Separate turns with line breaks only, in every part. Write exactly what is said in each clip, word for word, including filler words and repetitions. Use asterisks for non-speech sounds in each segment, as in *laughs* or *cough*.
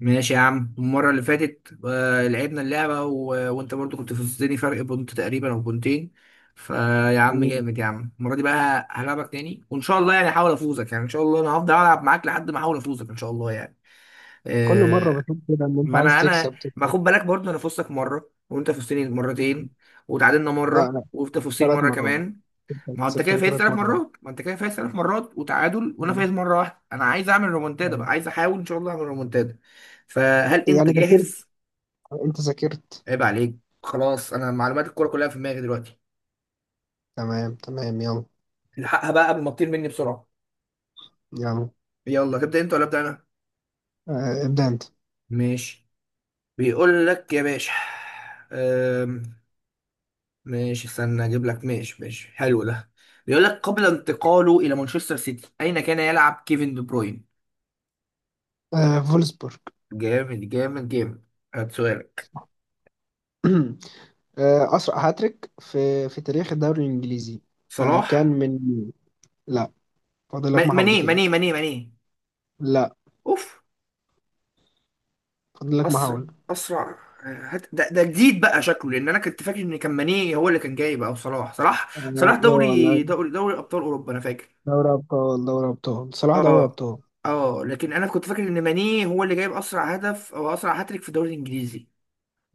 ماشي يا عم. المرة اللي فاتت آه، لعبنا اللعبة و... وانت برضو كنت فزتني فرق بونت تقريبا او بونتين. فيا عم
مم.
جامد يا عم، المرة دي بقى هلعبك تاني وان شاء الله يعني هحاول افوزك. يعني ان شاء الله انا هفضل العب معاك لحد ما احاول افوزك ان شاء الله يعني.
كل مرة
آه،
بتقول كده إن أنت
ما
عايز
انا انا
تكسب
ما
تكسب.
خد بالك برضو، انا فزتك مرة وانت فزتني مرتين، وتعادلنا
لا
مرة
لا،
وانت فزتني
ثلاث
مرة
مرات
كمان.
كسبتك
ما هو انت كده
كسبتك
فايز
ثلاث
ثلاث
مرات
مرات، ما انت كده فايز ثلاث مرات وتعادل وانا
مم.
فايز مره واحده. انا عايز اعمل رومونتادا بقى،
أيوة.
عايز احاول ان شاء الله اعمل رومونتادا. فهل انت
يعني ذاكرت؟
جاهز؟
أنت ذاكرت؟
عيب عليك. خلاص انا معلومات الكوره كلها في دماغي دلوقتي.
تمام تمام، يلا.
الحقها بقى قبل ما تطير مني بسرعه.
يلا.
يلا تبدا انت ولا ابدا انا؟
آه ابدأ أنت.
ماشي. بيقول لك يا باشا. أم... ماشي استنى اجيب لك. ماشي ماشي حلو ده. بيقول لك قبل انتقاله الى مانشستر سيتي اين كان يلعب كيفن دي بروين؟
آه فولسبورج.
جامد جامد جامد. هات سؤالك.
*clears throat* آه أسرع هاتريك في في تاريخ الدوري الإنجليزي. آه كان
صلاح.
من لا. فاضل لك
ما- ماني
محاولتين.
ماني ماني ماني
لا.
اوف.
فاضل لك
اسرع
محاولة.
اسرع هات ده، ده جديد بقى شكله، لان انا كنت فاكر ان كان ماني هو اللي كان جاي بقى. وصلاح صلاح
اه
صلاح
آه، لا.
دوري دوري دوري ابطال اوروبا انا فاكر.
دوري أبطال دوري أبطال صلاح دوري
اه
أبطال.
اه، لكن انا كنت فاكر ان ماني هو اللي جايب اسرع هدف او اسرع هاتريك في الدوري الانجليزي.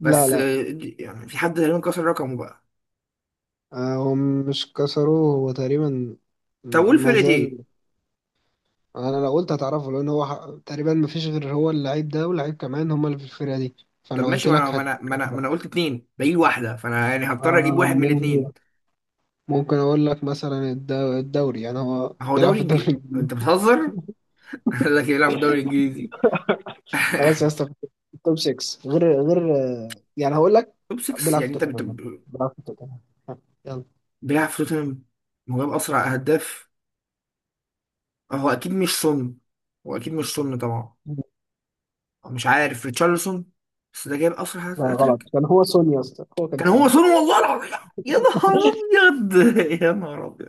لا لا.
آه، دي- يعني في حد تقريبا كسر رقمه بقى.
آه، هم مش كسروه هو تقريبا،
طب قول
ما
فرقة ايه.
زال. انا لو قلت هتعرفه لان هو ح- تقريبا ما فيش غير هو اللعيب ده، واللعيب كمان هم اللي في الفرقه دي.
طب
فلو
ماشي،
قلت
ما انا
لك
ما
هت...
انا ما انا ما أنا قلت اتنين باقي واحدة، فانا يعني هضطر اجيب
آه،
واحد من
ممكن.
الاتنين.
ممكن اقول لك مثلا الد- الدوري، يعني هو
هو
بيلعب
دوري
في الدوري
انجليزي انت
الانجليزي.
بتهزر؟ *laughs* لكن يلعب في الدوري الانجليزي.
خلاص يا
*laughs*
اسطى. توب ستة، غير غير آه، يعني هقول لك.
توب ستة
بيلعب في
يعني انت
توتنهام.
بت-
بيلعب في توتنهام. ها، يلا.
بيلعب في توتنهام وجاب اسرع اهداف. هو اكيد مش سون، هو اكيد مش سون طبعا. هو مش عارف ريتشارلسون بس ده جايب اسرع هات-
لا غلط،
هاتريك.
كان هو سون يا اسطى، هو كان
كان هو
سون.
سون والله العظيم. يا نهار ابيض. *laughs* يا نهار ابيض.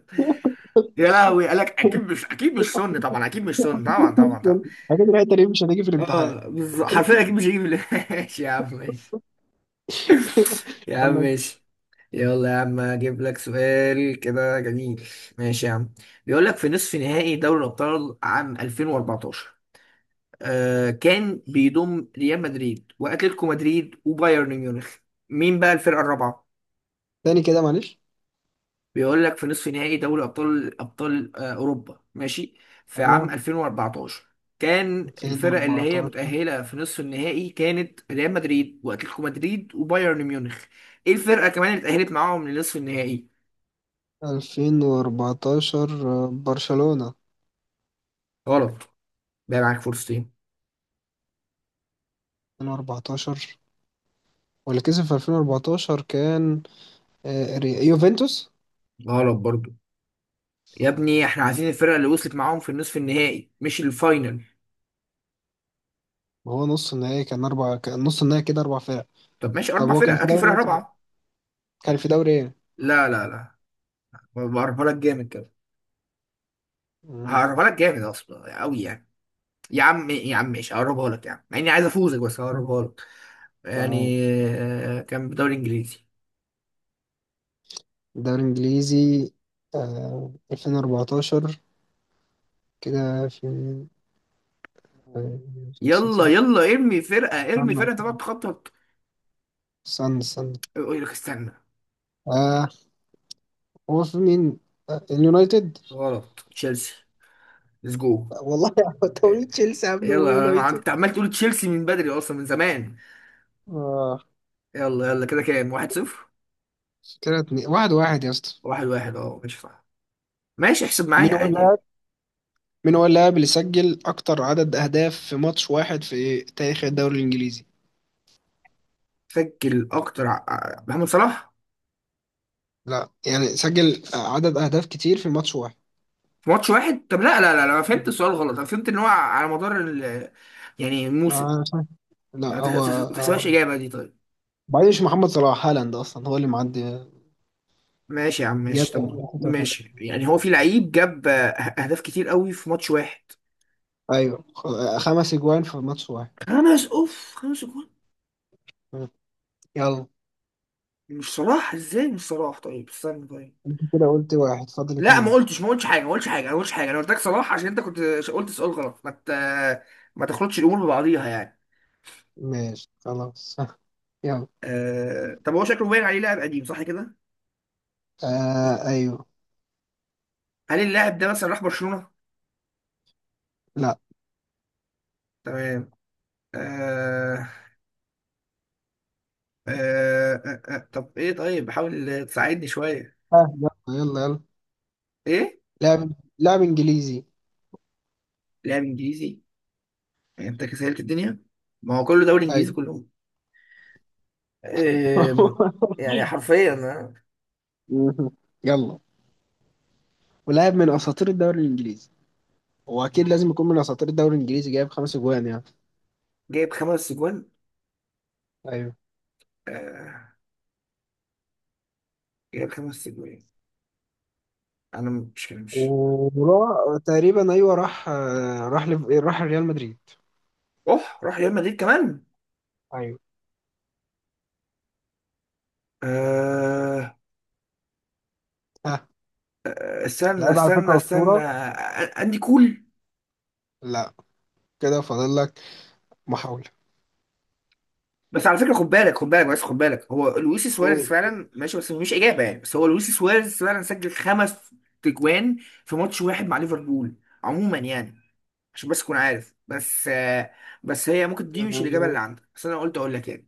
يا لهوي، قالك اكيد مش اكيد مش سون طبعا، اكيد مش سون طبعا طبعا طبعا.
*laughs* اكيد الحته دي مش هتيجي في الامتحان.
اه بالظبط حرفيا اكيد مش هيجيب ال- *laughs* ماشي يا عم ماشي. يا عم
يلا.
ماشي. يلا يا عم اجيب لك سؤال كده جميل. ماشي يا عم. بيقول لك في نصف نهائي دوري الابطال عام الفين واربعتاشر، آه كان بيضم ريال مدريد واتلتيكو مدريد وبايرن ميونخ. مين بقى الفرقه الرابعه؟
تاني كده معلش.
بيقول لك في نصف نهائي دوري ابطال ابطال آه اوروبا، ماشي، في عام
ايوه.
الفين واربعتاشر كان الفرق اللي هي
ألفين وأربعتاشر.
متأهلة في نصف النهائي كانت ريال مدريد واتلتيكو مدريد وبايرن ميونخ. ايه الفرقة كمان اللي اتأهلت معاهم لنصف النهائي؟
ألفين وأربعة عشر. آه، برشلونة.
غلط. بقى معاك فرصتين.
ألفين وأربعتاشر. واللي كسب في ألفين وأربعة عشر كان آه، ري- يوفنتوس.
غلط برضو. يا ابني احنا عايزين الفرقه اللي وصلت معاهم في النصف النهائي مش الفاينل.
وهو نص النهائي كان اربع كان نص النهائي كده اربع فرق.
طب ماشي
طب
اربع
هو
فرق،
كان في
هات لي
دوري
فرقه
ايه طيب؟
رابعه.
كان في دوري ايه؟
لا لا لا، بقربها لك جامد كده.
مم.
هقربها لك جامد اصلا قوي يعني. يا عم يا عم ماشي، هقربها لك يعني، مع اني عايز افوزك بس هقربها لك
تمام.
يعني. آه، كان بدوري انجليزي.
الدوري الانجليزي. آه، ألفين وأربعتاشر. كده في مين؟ آه،
يلا
سيتي.
يلا ارمي فرقه، ارمي فرقه، انت بقى
استنى.
تخطط.
استنى استنى.
يقول لك استنى.
آه. هو في مين؟ آه، اليونايتد.
غلط، تشيلسي. ليتس جو.
والله. توريد تشيلسي قبل مان
يلا انا عم-
يونايتد.
انت عمال تقول تشيلسي من بدري اصلا من زمان.
اه.
يلا يلا كده كام، واحد صفر؟
كده اتنين- واحد واحد يا اسطى.
واحد واحد اه ماشي صح. ماشي احسب معايا
مين هو
عادي
اللاعب؟
يعني.
مين هو اللاعب اللي سجل اكتر عدد اهداف في ماتش واحد في تاريخ الدوري الانجليزي؟
سجل اكتر ع- ع- محمد صلاح.
لا يعني سجل عدد اهداف كتير في ماتش واحد.
في ماتش واحد؟ طب لا لا لا لا، انا فهمت السؤال غلط. انا فهمت ان هو على مدار ال يعني الموسم.
ما- لا
ما تح-
هو
تح- تحسبهاش
هو-
اجابه دي طيب.
بعدين مش محمد صلاح، هالاند اصلا هو اللي معدي.
ماشي يا عم
جاب
ماشي. طب ماشي، يعني هو في لعيب جاب آه، اهداف كتير قوي في ماتش واحد.
ايوه، خ- خمس اجوان في ماتش واحد.
خمس اوف. خمس جول.
مم. يلا.
مش صلاح؟ ازاي مش صلاح؟ طيب استنى طيب.
كده قلت واحد فاضل
لا ما
اتنين.
قلتش ما قلتش حاجه، ما قلتش حاجه. انا ما قلتش حاجه، انا قلت لك صلاح عشان انت كنت ش- قلت سؤال غلط. ما ت... ما تخلطش الامور ببعضيها يعني.
ماشي خلاص. *laughs* يلا.
آه... طب هو شكله باين عليه لاعب قديم صح كده؟
آه ايوه.
هل اللاعب ده مثلا راح برشلونه؟
لا.
تمام. آه... آه... آه... آه... طب ايه طيب، حاول تساعدني شويه.
آه، يلا يلا يلا.
ايه؟
لاعب. لاعب انجليزي.
لاعب انجليزي. يعني انت كسلت الدنيا، ما هو كله دوري انجليزي
ايوه.
كلهم. آه...
*laughs*
يعني حرفيا أنا.
مهم. يلا. ولاعب من اساطير الدوري الانجليزي. هو اكيد لازم يكون من اساطير الدوري الانجليزي، جايب خمس اجوان يعني.
جايب خمس اجوان.
ايوه.
آه... جايب خمس اجوان. انا مش مش.
وراح تقريبا، ايوه، راح آه، راح لف- راح ريال مدريد.
اوه راح ريال مدريد كمان.
ايوه.
أه.
ها.
استنى
لعيب على
استنى
فكره
استنى،
اسطوره.
آه، اندي كول.
لا. كده فاضل لك محاوله.
بس على فكره خد بالك، خد بالك بس، خد بالك هو لويس سواريز
أوه.
فعلا ماشي، بس مش اجابه يعني، بس هو لويس سواريز فعلا سجل خمس تجوان في ماتش واحد مع ليفربول عموما يعني. عشان بس تكون عارف بس آه بس هي ممكن دي مش الاجابه
آه،
اللي عندك، بس انا قلت اقول لك يعني.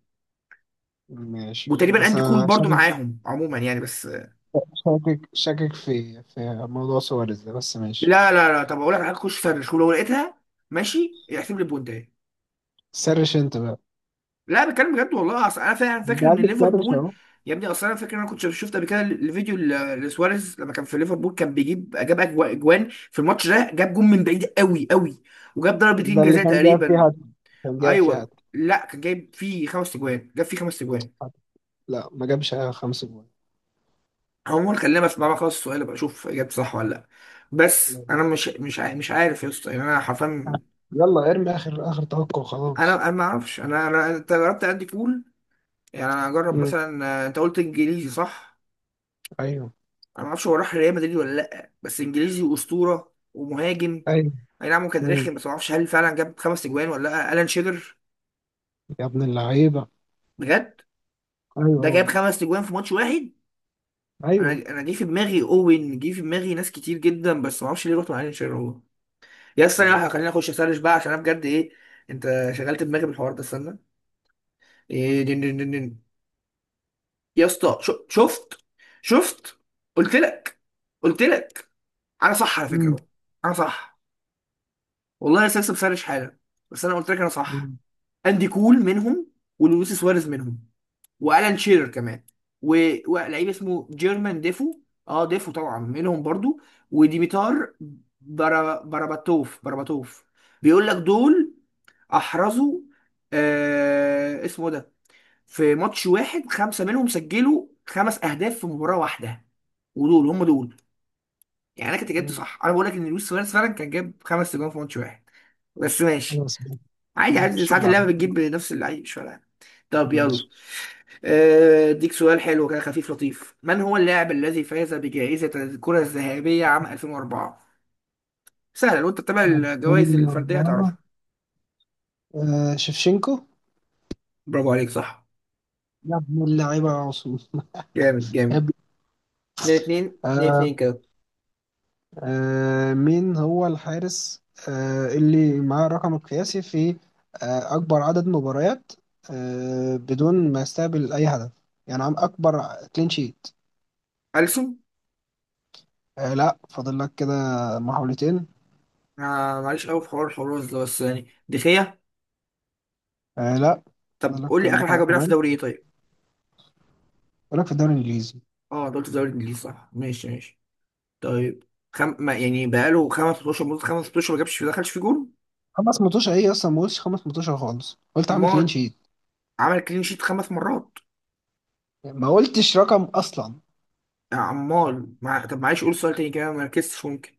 ماشي
وتقريبا
بس
اندي كول
انا
برضو
شاكك.
معاهم عموما يعني بس آه،
شاكك شاكك في في موضوع سواريز ده، بس ماشي.
لا لا لا. طب اقول لك على حاجه، خش سرش ولو لقيتها ماشي احسب لي بوينت.
سرش انت بقى.
لا بتكلم بجد والله، اصل انا فعلا
انت
فاكر
قاعد
ان
بتسرش.
ليفربول. يا ابني اصل انا فاكر ان انا كنت شفت قبل كده الفيديو ل- لسواريز لما كان في ليفربول كان بيجيب، جاب أجوا- اجوان في الماتش ده، جاب جون من بعيد قوي قوي، وجاب ضربتين
ده اللي
جزاء
كان جايب فيها
تقريبا.
هاتريك. كان جايب فيها
ايوه
هاتريك.
لا، كان جايب فيه خمس اجوان، جاب فيه خمس اجوان.
هاتريك. لا ما جابش خمس جوان.
عموما خلينا بس بقى خلاص السؤال بقى، اشوف اجابتي صح ولا لا. بس
لا.
انا مش مش ع- مش عارف يا اسطى يعني. انا حرفيا
يلا ارمي اخر اخر توقع
انا
وخلاص.
انا ما اعرفش. انا انا انت جربت عندي كول، يعني انا اجرب
مم.
مثلا. آه، انت قلت انجليزي صح؟
ايوه.
انا ما اعرفش هو راح ريال مدريد ولا لا، بس انجليزي واسطوره ومهاجم.
ايوه.
اي نعم هو كان
مم.
رخم، بس ما اعرفش هل فعلا جاب خمس اجوان ولا لا. الان شيرر.
يا ابن اللعيبه.
بجد؟
ايوه
ده
هو.
جاب خمس اجوان في ماتش واحد. انا
ايوه.
انا جه في دماغي، اوين جه في دماغي ناس كتير جدا، بس ما اعرفش ليه رحت مع الان شيرر هو. يا استنى
مم.
واحدة، خليني اخش اسرش بقى عشان انا بجد ايه. انت شغلت دماغي بالحوار ده استنى. إيه دين دين دين دين. يا اسطى شو- شفت شفت. قلت لك قلت لك، انا صح على فكره بقى. انا صح والله يا استاذ، بسرش حالا بس انا قلت لك انا صح.
مم.
اندي كول منهم، ولويس سواريز منهم، والان شيرر كمان، و- ولعيب اسمه جيرمان ديفو. اه ديفو طبعا منهم برضو. وديميتار برا براباتوف براباتوف بيقول لك دول احرزوا، آه اسمه ده، في ماتش واحد خمسه منهم سجلوا خمس اهداف في مباراه واحده، ودول هم دول. يعني انا كنت جبت
مم.
صح، انا بقول لك ان لويس سواريز فعلا كان جاب خمس اجوان في ماتش واحد، بس ماشي.
خلاص.
عادي عادي،
ماشي.
ساعات اللعبة بتجيب نفس اللعيب مش فارقة. طب يلا،
ماشي.
آه، اديك سؤال حلو كده خفيف لطيف. من هو اللاعب الذي فاز بجائزة الكرة الذهبية عام الفين واربعة؟ سهلة لو انت بتتابع
يلا.
الجوائز
من
الفردية
الأربعة.
هتعرفها.
آه شفشنكو.
برافو عليك صح.
يا ابن اللعيبة يا عاصم.
جامد جامد.
يا
اتنين اتنين. اتنين
ابني.
اتنين كده.
آه، مين هو الحارس، آه، اللي معاه الرقم القياسي في آه، أكبر عدد مباريات آه، بدون ما يستقبل أي هدف؟ يعني عم أكبر كلين شيت.
ألسن.
آه، لا. فاضل لك كده محاولتين.
آه معلش قوي في حوار الحراس ده، بس يعني دخية.
آه، لا.
طب
فاضل
قول
لك
لي آخر
محاولة
حاجة، بيلعب في
كمان.
دوري ايه طيب؟
فاضل لك في الدوري الإنجليزي.
اه دوري الدوري الإنجليزي صح، ماشي ماشي. طيب خم... ما يعني بقاله خمس ستاشر مدة، خمس ستاشر ما جابش ما دخلش في جول.
خمس متوشة إيه أصلا؟ ما قلتش خمس متوشة خالص، قلت عامل كلين
امال.
شيت.
عمل كلين شيت خمس مرات.
ما قلتش رقم أصلا.
يا عمال مع... طب معلش قول سؤال تاني كده، ما ركزتش ممكن.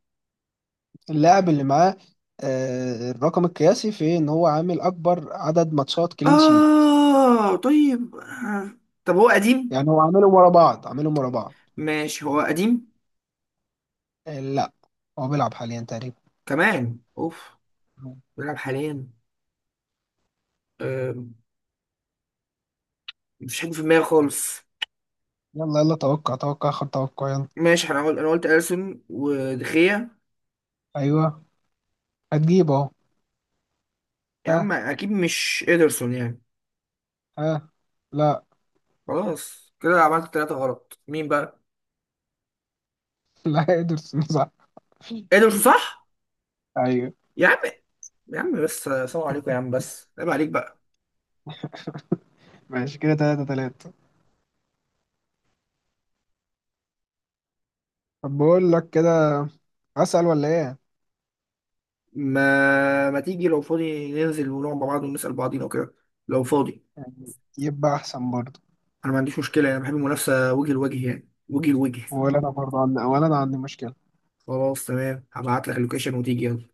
اللاعب اللي معاه آه، الرقم القياسي في إن هو عامل أكبر عدد ماتشات كلين شيت.
آه طيب آه. طب هو قديم؟
يعني هو عاملهم ورا بعض، عاملهم ورا بعض.
ماشي هو قديم.
آه، لا. هو بيلعب حاليا تقريبا.
كمان اوف. بيلعب حاليا. آه. مفيش حد في دماغي خالص.
يلا يلا توقع توقع، خد توقع يلا.
ماشي انا قلت، انا قلت اليسون ودخية.
ايوه. هتجيب اهو.
يا عم
ها.
اكيد مش ادرسون يعني.
ها. لا.
خلاص كده عملت ثلاثة غلط، مين بقى؟
*laughs* لا، ادرسون صح.
ادرسون صح.
ايوه.
يا عم. يا عم بس، سلام عليكم يا عم بس، عيب عليك بقى.
ماشي، كده تلاتة تلاتة. طب بقول لك كده، اسأل ولا ايه؟
ما ما تيجي لو فاضي ننزل ونقعد مع بعض ونسأل بعضينا وكده؟ لو فاضي.
يعني يبقى احسن برضه.
انا ما عنديش مشكلة، انا بحب المنافسة وجه لوجه يعني، وجه لوجه.
ولا انا برضه عندي ولا انا عندي مشكلة.
خلاص تمام هبعت لك اللوكيشن وتيجي يلا.